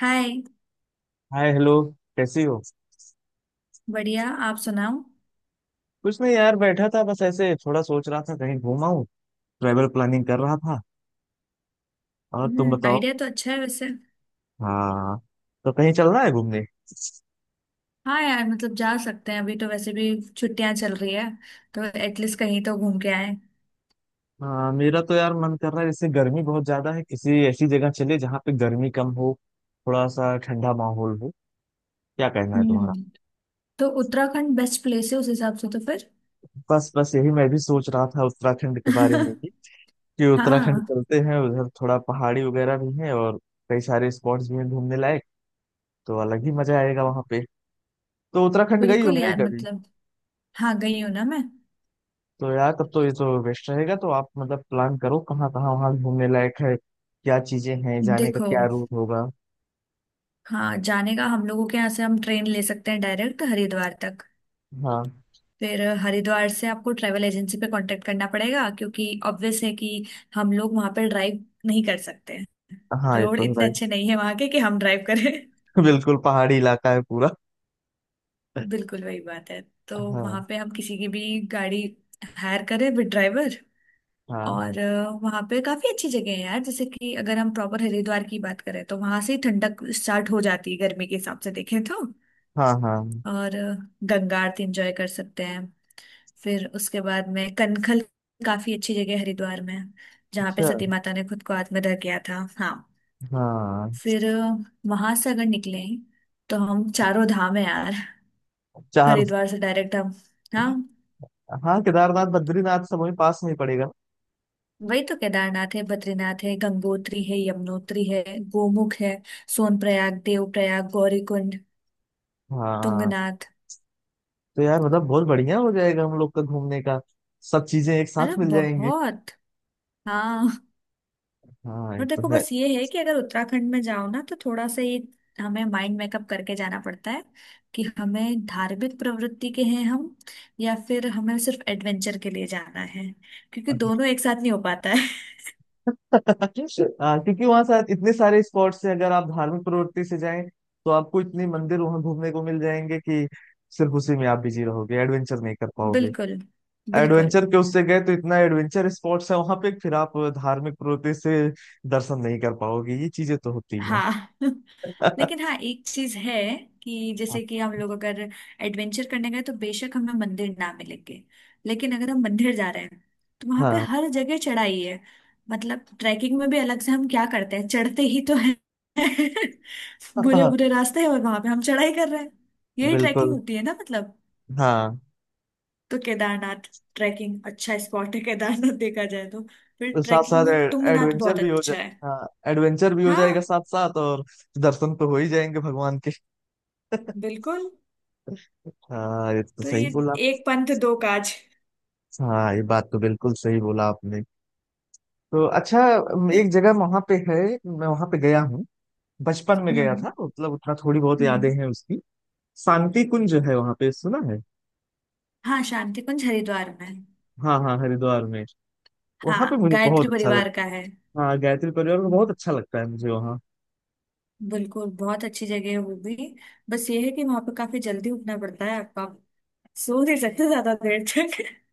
हाय। Hi, hello. कैसी हो? बढ़िया, आप सुनाओ। कुछ नहीं यार, बैठा था, बस ऐसे थोड़ा सोच रहा था कहीं घूमा हूँ। ट्रैवल प्लानिंग कर रहा था। और तुम हम्म, बताओ। आइडिया तो अच्छा है वैसे। हाँ। तो कहीं चलना है घूमने? हाँ यार, मतलब जा सकते हैं, अभी तो वैसे भी छुट्टियां चल रही है, तो एटलीस्ट कहीं तो घूम के आए। हाँ, मेरा तो यार मन कर रहा है, जैसे गर्मी बहुत ज्यादा है, किसी ऐसी जगह चले जहाँ पे गर्मी कम हो, थोड़ा सा ठंडा माहौल हो। क्या कहना है तुम्हारा? हम्म, तो उत्तराखंड बेस्ट प्लेस है उस हिसाब से तो फिर। बस बस, यही मैं भी सोच रहा था, उत्तराखंड के बारे में ही। कि उत्तराखंड हाँ चलते हैं, उधर थोड़ा पहाड़ी वगैरह भी है और कई सारे स्पॉट्स भी हैं घूमने लायक। तो अलग ही मजा आएगा वहां पे। तो उत्तराखंड गई हो बिल्कुल नहीं यार कभी? मतलब। हाँ गई हूँ ना मैं। तो यार तब तो ये तो बेस्ट रहेगा। तो आप मतलब प्लान करो कहाँ कहाँ वहाँ घूमने लायक है, क्या चीजें हैं, जाने का देखो, क्या रूट होगा। हाँ जाने का, हम लोगों के यहाँ से हम ट्रेन ले सकते हैं डायरेक्ट हरिद्वार तक। हाँ फिर हरिद्वार से आपको ट्रैवल एजेंसी पे कांटेक्ट करना पड़ेगा, क्योंकि ऑब्वियस है कि हम लोग वहां पर ड्राइव नहीं कर सकते। हाँ, ये रोड तो है इतने भाई। अच्छे नहीं है वहां के कि हम ड्राइव करें। बिल्कुल, पहाड़ी इलाका है पूरा। बिल्कुल, वही बात है। तो वहां हाँ। पे हम किसी की भी गाड़ी हायर करें विद ड्राइवर। हाँ। और वहां पे काफी अच्छी जगह है यार, जैसे कि अगर हम प्रॉपर हरिद्वार की बात करें, तो वहां से ही ठंडक स्टार्ट हो जाती है, गर्मी के हिसाब से देखें तो। हाँ। हाँ। और गंगा आरती एंजॉय कर सकते हैं। फिर उसके बाद में कनखल, काफी अच्छी जगह है हरिद्वार में, जहाँ पे अच्छा। सती माता ने खुद को आत्मदाह किया था। हाँ, हाँ। फिर वहां से अगर निकले, तो हम, चारों धाम है यार। चार? हरिद्वार से डायरेक्ट हम, हाँ, हाँ, केदारनाथ बद्रीनाथ सब वहीं पास में ही पड़ेगा। वही तो। केदारनाथ है, बद्रीनाथ है, गंगोत्री है, यमुनोत्री है, गोमुख है, सोनप्रयाग, देवप्रयाग, गौरीकुंड, हाँ, तुंगनाथ। तो यार मतलब बहुत बढ़िया हो जाएगा हम लोग का घूमने का। सब चीजें एक साथ मतलब मिल जाएंगी। बहुत, हाँ। हाँ, ये और तो देखो, है। बस ये है कि अगर उत्तराखंड में जाओ ना, तो थोड़ा सा ये, हमें माइंड मेकअप करके जाना पड़ता है, कि हमें धार्मिक प्रवृत्ति के हैं हम, या फिर हमें सिर्फ एडवेंचर के लिए जाना है, क्योंकि दोनों एक साथ नहीं हो पाता है। क्योंकि वहां साथ इतने सारे स्पॉट्स हैं, अगर आप धार्मिक प्रवृत्ति से जाएं तो आपको इतने मंदिर वहां घूमने को मिल जाएंगे कि सिर्फ उसी में आप बिजी रहोगे, एडवेंचर नहीं कर पाओगे। बिल्कुल बिल्कुल। एडवेंचर के उससे गए तो इतना एडवेंचर स्पॉट्स है वहां पे, फिर आप धार्मिक प्रवृत्ति से दर्शन नहीं कर पाओगे। ये चीजें तो होती हैं। हाँ। लेकिन हाँ, एक चीज है, कि जैसे कि हम लोग अगर एडवेंचर करने गए, तो बेशक हमें मंदिर ना मिलेंगे, लेकिन अगर हम मंदिर जा रहे हैं, तो वहां पे हाँ। हर जगह चढ़ाई है। मतलब ट्रैकिंग में भी अलग से हम क्या करते हैं, चढ़ते ही तो है। बुरे हाँ। बुरे रास्ते हैं और वहां पे हम चढ़ाई कर रहे हैं। यही ट्रैकिंग बिल्कुल। होती है ना मतलब। हाँ, तो केदारनाथ, ट्रैकिंग अच्छा स्पॉट है केदारनाथ देखा जाए तो। फिर तो साथ ट्रैकिंग साथ में तुंगनाथ एडवेंचर बहुत भी हो जाए। अच्छा है। हाँ, एडवेंचर भी हो जाएगा हाँ साथ साथ, और दर्शन तो हो ही जाएंगे भगवान के। बिल्कुल। हाँ, ये तो तो सही ये, बोला। एक पंथ दो काज। हाँ, ये बात तो बिल्कुल सही बोला आपने। तो अच्छा, हम्म। एक जगह वहां पे है। मैं वहां पे गया हूँ, बचपन में गया था, मतलब उतना थोड़ी बहुत यादें हम्म। हैं उसकी। शांति कुंज है वहां पे, सुना है? हाँ, शांति कुंज हरिद्वार में है। हाँ हाँ, हरिद्वार में। वहां पे हाँ, मुझे बहुत गायत्री अच्छा परिवार लगता। का है। हाँ, गायत्री परिवार को बहुत अच्छा लगता है मुझे वहाँ। बिल्कुल, बहुत अच्छी जगह है वो भी। बस ये है कि वहां पे काफी जल्दी उठना पड़ता है आपको, आप सो नहीं सकते ज्यादा देर तक।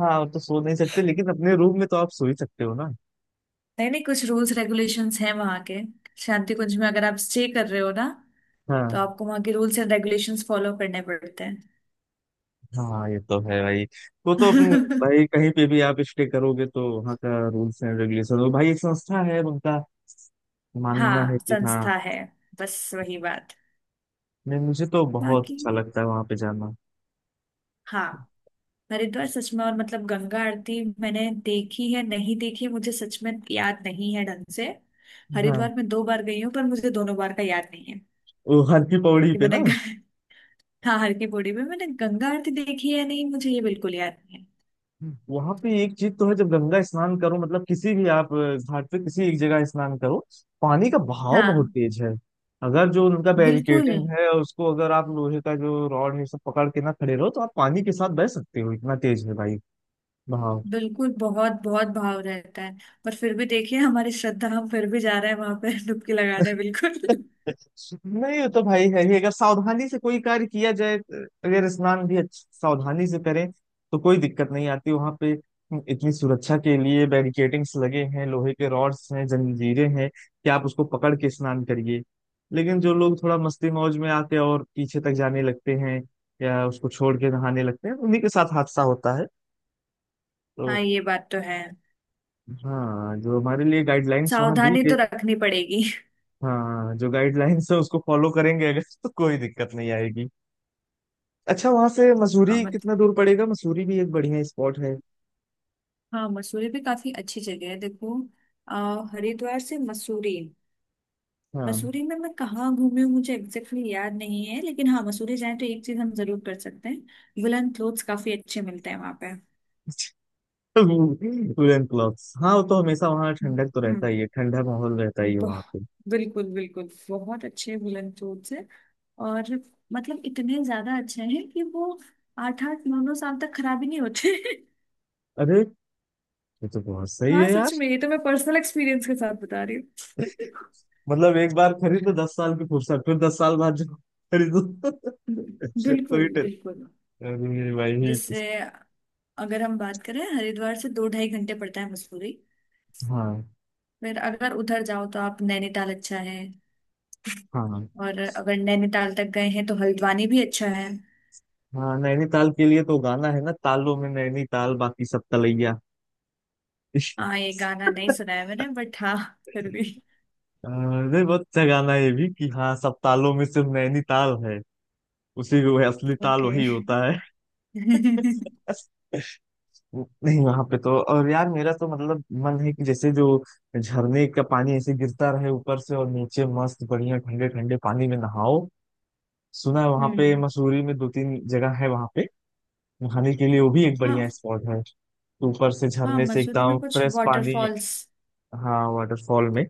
हाँ वो तो सो नहीं सकते, लेकिन अपने रूम में तो आप सो ही सकते हो ना। नहीं नहीं, कुछ रूल्स रेगुलेशंस हैं वहाँ के। शांति कुंज में अगर आप स्टे कर रहे हो ना, तो हाँ आपको वहाँ के रूल्स एंड रेगुलेशंस फॉलो करने पड़ते हैं। हाँ, ये तो है भाई। वो तो अपने-। भाई कहीं पे भी आप स्टे करोगे तो वहाँ का रूल्स एंड रेगुलेशन, भाई एक संस्था है, उनका मानना है हाँ, कि हाँ। संस्था है। बस वही बात। नहीं, मुझे तो बहुत बाकी अच्छा लगता है वहां पे जाना। हाँ, हरिद्वार सच में। और मतलब गंगा आरती मैंने देखी है, नहीं देखी है, मुझे सच में याद नहीं है ढंग से। हाँ, हरिद्वार में दो बार गई हूँ, पर मुझे दोनों बार का याद नहीं है, वो हरकी पौड़ी कि पे मैंने ना? हाँ, हर की पौड़ी में मैंने गंगा आरती देखी है, नहीं मुझे ये बिल्कुल याद नहीं है। वहां पे एक चीज तो है, जब गंगा स्नान करो मतलब किसी भी आप घाट पे किसी एक जगह स्नान करो, पानी का बहाव हाँ बहुत तेज है। अगर जो उनका बिल्कुल बैरिकेडिंग है उसको, अगर आप लोहे का जो रॉड है सब पकड़ के ना खड़े रहो, तो आप पानी के साथ बह सकते हो, इतना तेज है भाई बहाव। बिल्कुल, बहुत बहुत भाव रहता है। पर फिर भी देखिए, हमारी श्रद्धा, हम फिर भी जा रहे हैं वहां पे डुबकी लगाने। बिल्कुल। नहीं, वो तो भाई है ही, अगर सावधानी से कोई कार्य किया जाए, अगर स्नान भी सावधानी से करें तो कोई दिक्कत नहीं आती वहां पे। इतनी सुरक्षा के लिए बैरिकेडिंग्स लगे हैं, लोहे के रॉड्स हैं, जंजीरें हैं कि आप उसको पकड़ के स्नान करिए। लेकिन जो लोग थोड़ा मस्ती मौज में आते और पीछे तक जाने लगते हैं या उसको छोड़ के नहाने लगते हैं, उन्हीं के साथ हादसा होता है। तो हाँ, ये बात तो है। हाँ, जो हमारे लिए गाइडलाइंस वहां दी सावधानी गई, तो रखनी पड़ेगी। हाँ जो गाइडलाइंस है उसको फॉलो करेंगे अगर, तो कोई दिक्कत नहीं आएगी। अच्छा, वहां से हाँ मसूरी कितना मतलब, दूर पड़ेगा? मसूरी भी एक बढ़िया स्पॉट है। हाँ मसूरी भी काफी अच्छी जगह है। देखो, हरिद्वार से मसूरी। हाँ। मसूरी में मैं कहाँ घूमी हूँ मुझे एग्जैक्टली याद नहीं है, लेकिन हाँ, मसूरी जाए, तो एक चीज हम जरूर कर सकते हैं, वुलन क्लोथ्स काफी अच्छे मिलते हैं वहां पे। वुलन क्लॉथ्स, हाँ वो तो हमेशा वहाँ हम्म, ठंडक तो रहता हम्म। ही है, ठंडा माहौल रहता ही है वहां बह- पे। बिल्कुल बिल्कुल, बहुत अच्छे वुलन क्लोथ्स है। और मतलब इतने ज्यादा अच्छे हैं, कि वो आठ आठ नौ नौ साल तक खराब ही नहीं होते। अरे, ये तो बहुत सही हाँ है यार। सच में, ये तो मैं पर्सनल एक्सपीरियंस के साथ बता रही हूँ। मतलब एक बार खरीदो, 10 साल की फुर्सत, फिर 10 साल बाद जाओ खरीदो। तो ही बिल्कुल टे-। बिल्कुल। अरे भाई। जिससे, अगर हम बात करें, हरिद्वार से दो ढाई घंटे पड़ता है मसूरी। हाँ फिर अगर उधर जाओ, तो आप नैनीताल अच्छा है। हाँ और अगर नैनीताल तक गए हैं, तो हल्द्वानी भी अच्छा है। हाँ। नैनीताल के लिए तो गाना है ना, तालों में नैनीताल बाकी सब तलैया। हाँ, ये गाना नहीं सुना है मैंने, बट हाँ, फिर भी। अरे बहुत अच्छा गाना है ये भी, कि हाँ सब तालों में सिर्फ नैनीताल है, उसी वो असली ताल ओके वही होता है। हम्म। नहीं, वहां पे तो और यार मेरा तो मतलब मन है कि जैसे जो झरने का पानी ऐसे गिरता रहे ऊपर से, और नीचे मस्त बढ़िया ठंडे ठंडे पानी में नहाओ। सुना है वहां पे मसूरी में दो तीन जगह है वहां पे नहाने के लिए, वो भी एक हाँ बढ़िया स्पॉट है। ऊपर से हाँ, झरने से मसूरी एकदम में कुछ फ्रेश पानी। वाटरफॉल्स। हाँ, वाटरफॉल में।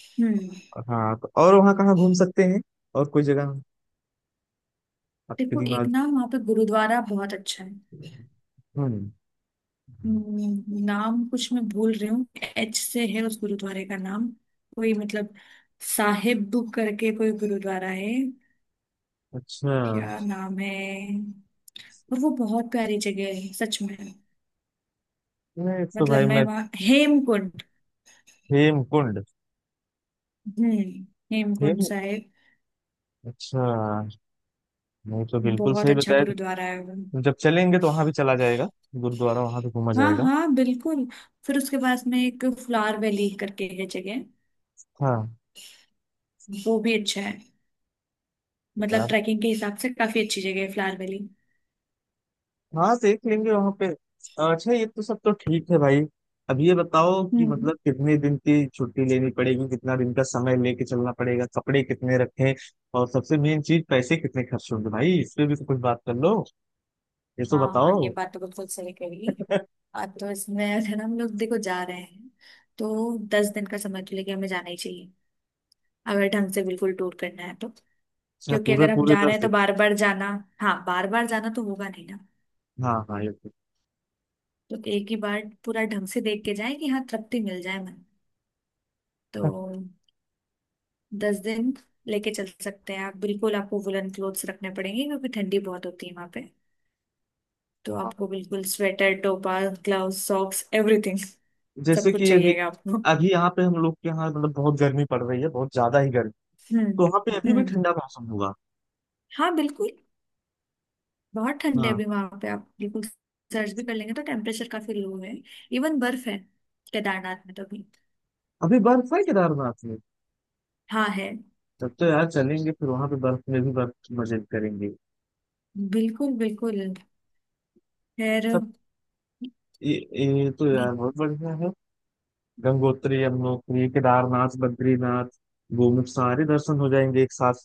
हम्म। और हाँ, तो और वहाँ कहाँ घूम सकते हैं, और कोई जगह आपके देखो, एक दिमाग? ना, वहाँ पे गुरुद्वारा बहुत अच्छा है। हम्म। नाम कुछ मैं भूल रही हूँ। एच से है उस गुरुद्वारे का नाम, कोई मतलब साहिब करके कोई गुरुद्वारा है, अच्छा। क्या नाम है। और वो बहुत प्यारी जगह है सच में। मैं तो मतलब भाई, मैं मैं। वहाँ हेमकुंड। हेमकुंड। हम्म, हेमकुंड हेम। साहिब। अच्छा। नहीं तो बिल्कुल बहुत सही अच्छा बताया। गुरुद्वारा है वो। जब चलेंगे तो वहां भी चला जाएगा, गुरुद्वारा वहां भी घूमा हाँ जाएगा। हाँ बिल्कुल। फिर उसके पास में एक फ्लावर वैली करके है जगह, हाँ वो भी अच्छा है। मतलब यार। ट्रैकिंग के हिसाब से काफी अच्छी जगह है फ्लावर वैली। हाँ, देख लेंगे वहां पे। अच्छा, ये तो सब तो ठीक है भाई। अब ये बताओ कि हम्म। मतलब कितने दिन की छुट्टी लेनी पड़ेगी, कितना दिन का समय लेके चलना पड़ेगा, कपड़े कितने रखें, और सबसे मेन चीज पैसे कितने खर्च होंगे भाई, इस पे भी तो कुछ बात कर लो, ये तो हाँ हाँ, ये बताओ। बात तो बिल्कुल सही कही। अब तो इसमें, अगर हम लोग देखो जा रहे हैं, तो 10 दिन का समय तो लेके हमें जाना ही चाहिए, अगर ढंग से बिल्कुल टूर करना है तो। अच्छा, क्योंकि पूरे अगर हम पूरे जा रहे दस हैं, तो दिन बार बार जाना, हाँ बार बार जाना तो होगा नहीं ना। हाँ हाँ, ये तो। तो एक ही बार पूरा ढंग से देख के जाए, कि हाँ तृप्ति मिल जाए मन। तो दस दिन लेके चल सकते हैं आप बिल्कुल। आपको वुलन क्लोथ्स रखने पड़ेंगे, क्योंकि ठंडी बहुत होती है वहां पे, तो हाँ। आपको बिल्कुल स्वेटर, टोपा, ग्लव्स, सॉक्स, एवरीथिंग सब जैसे कुछ कि अभी, चाहिएगा आपको। अभी यहाँ पे हम लोग के यहाँ मतलब बहुत गर्मी पड़ रही है, बहुत ज्यादा ही गर्मी। हम्म, तो वहाँ पे अभी भी हम्म, ठंडा मौसम होगा। हाँ बिल्कुल। बहुत ठंड है हाँ, अभी वहां पे, आप बिल्कुल सर्च भी कर लेंगे तो टेम्परेचर काफी लो है। इवन बर्फ है केदारनाथ में तो भी। अभी बर्फ है केदारनाथ में? हाँ है। तब तो यार चलेंगे फिर, वहां पे बर्फ में भी बर्फ की मजे करेंगे। बिल्कुल बिल्कुल। खैर। सब ये, ये तो यार बहुत बढ़िया है। गंगोत्री, यमुनोत्री, केदारनाथ, बद्रीनाथ, गोमुख, सारे दर्शन हो जाएंगे एक साथ।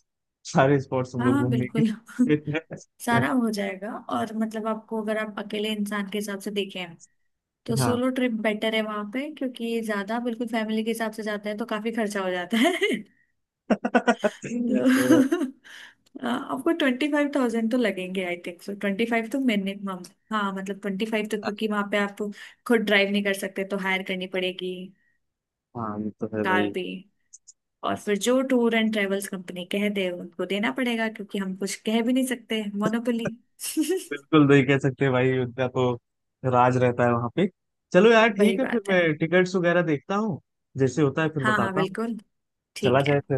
सारे स्पॉट्स हम हाँ लोग हाँ घूम बिल्कुल, लेंगे। सारा हो जाएगा। और मतलब, आपको अगर आप अकेले इंसान के हिसाब से देखें, तो हाँ। सोलो ट्रिप बेटर है वहां पे, क्योंकि ज्यादा बिल्कुल फैमिली के हिसाब से जाते हैं तो काफी खर्चा हो जाता है। तो, तो आपको 25,000 तो लगेंगे, आई थिंक सो, 25 तो मिनिमम। हाँ मतलब, 25 तो, क्योंकि वहां पे आप खुद ड्राइव नहीं कर सकते, तो हायर करनी पड़ेगी हाँ ये तो है कार भाई। भी। और फिर जो टूर एंड ट्रेवल्स कंपनी कह दे उनको देना पड़ेगा, क्योंकि हम कुछ कह भी नहीं सकते, मोनोपोली। बिल्कुल नहीं कह सकते भाई, उनका तो राज रहता है वहां पे। चलो यार वही ठीक है फिर, बात है। मैं टिकट्स वगैरह देखता हूँ, जैसे होता है फिर हाँ हाँ बताता हूँ। बिल्कुल। चला ठीक जाए है। फिर।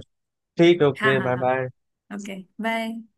ठीक, हाँ ओके, हाँ बाय हाँ। बाय। Okay bye.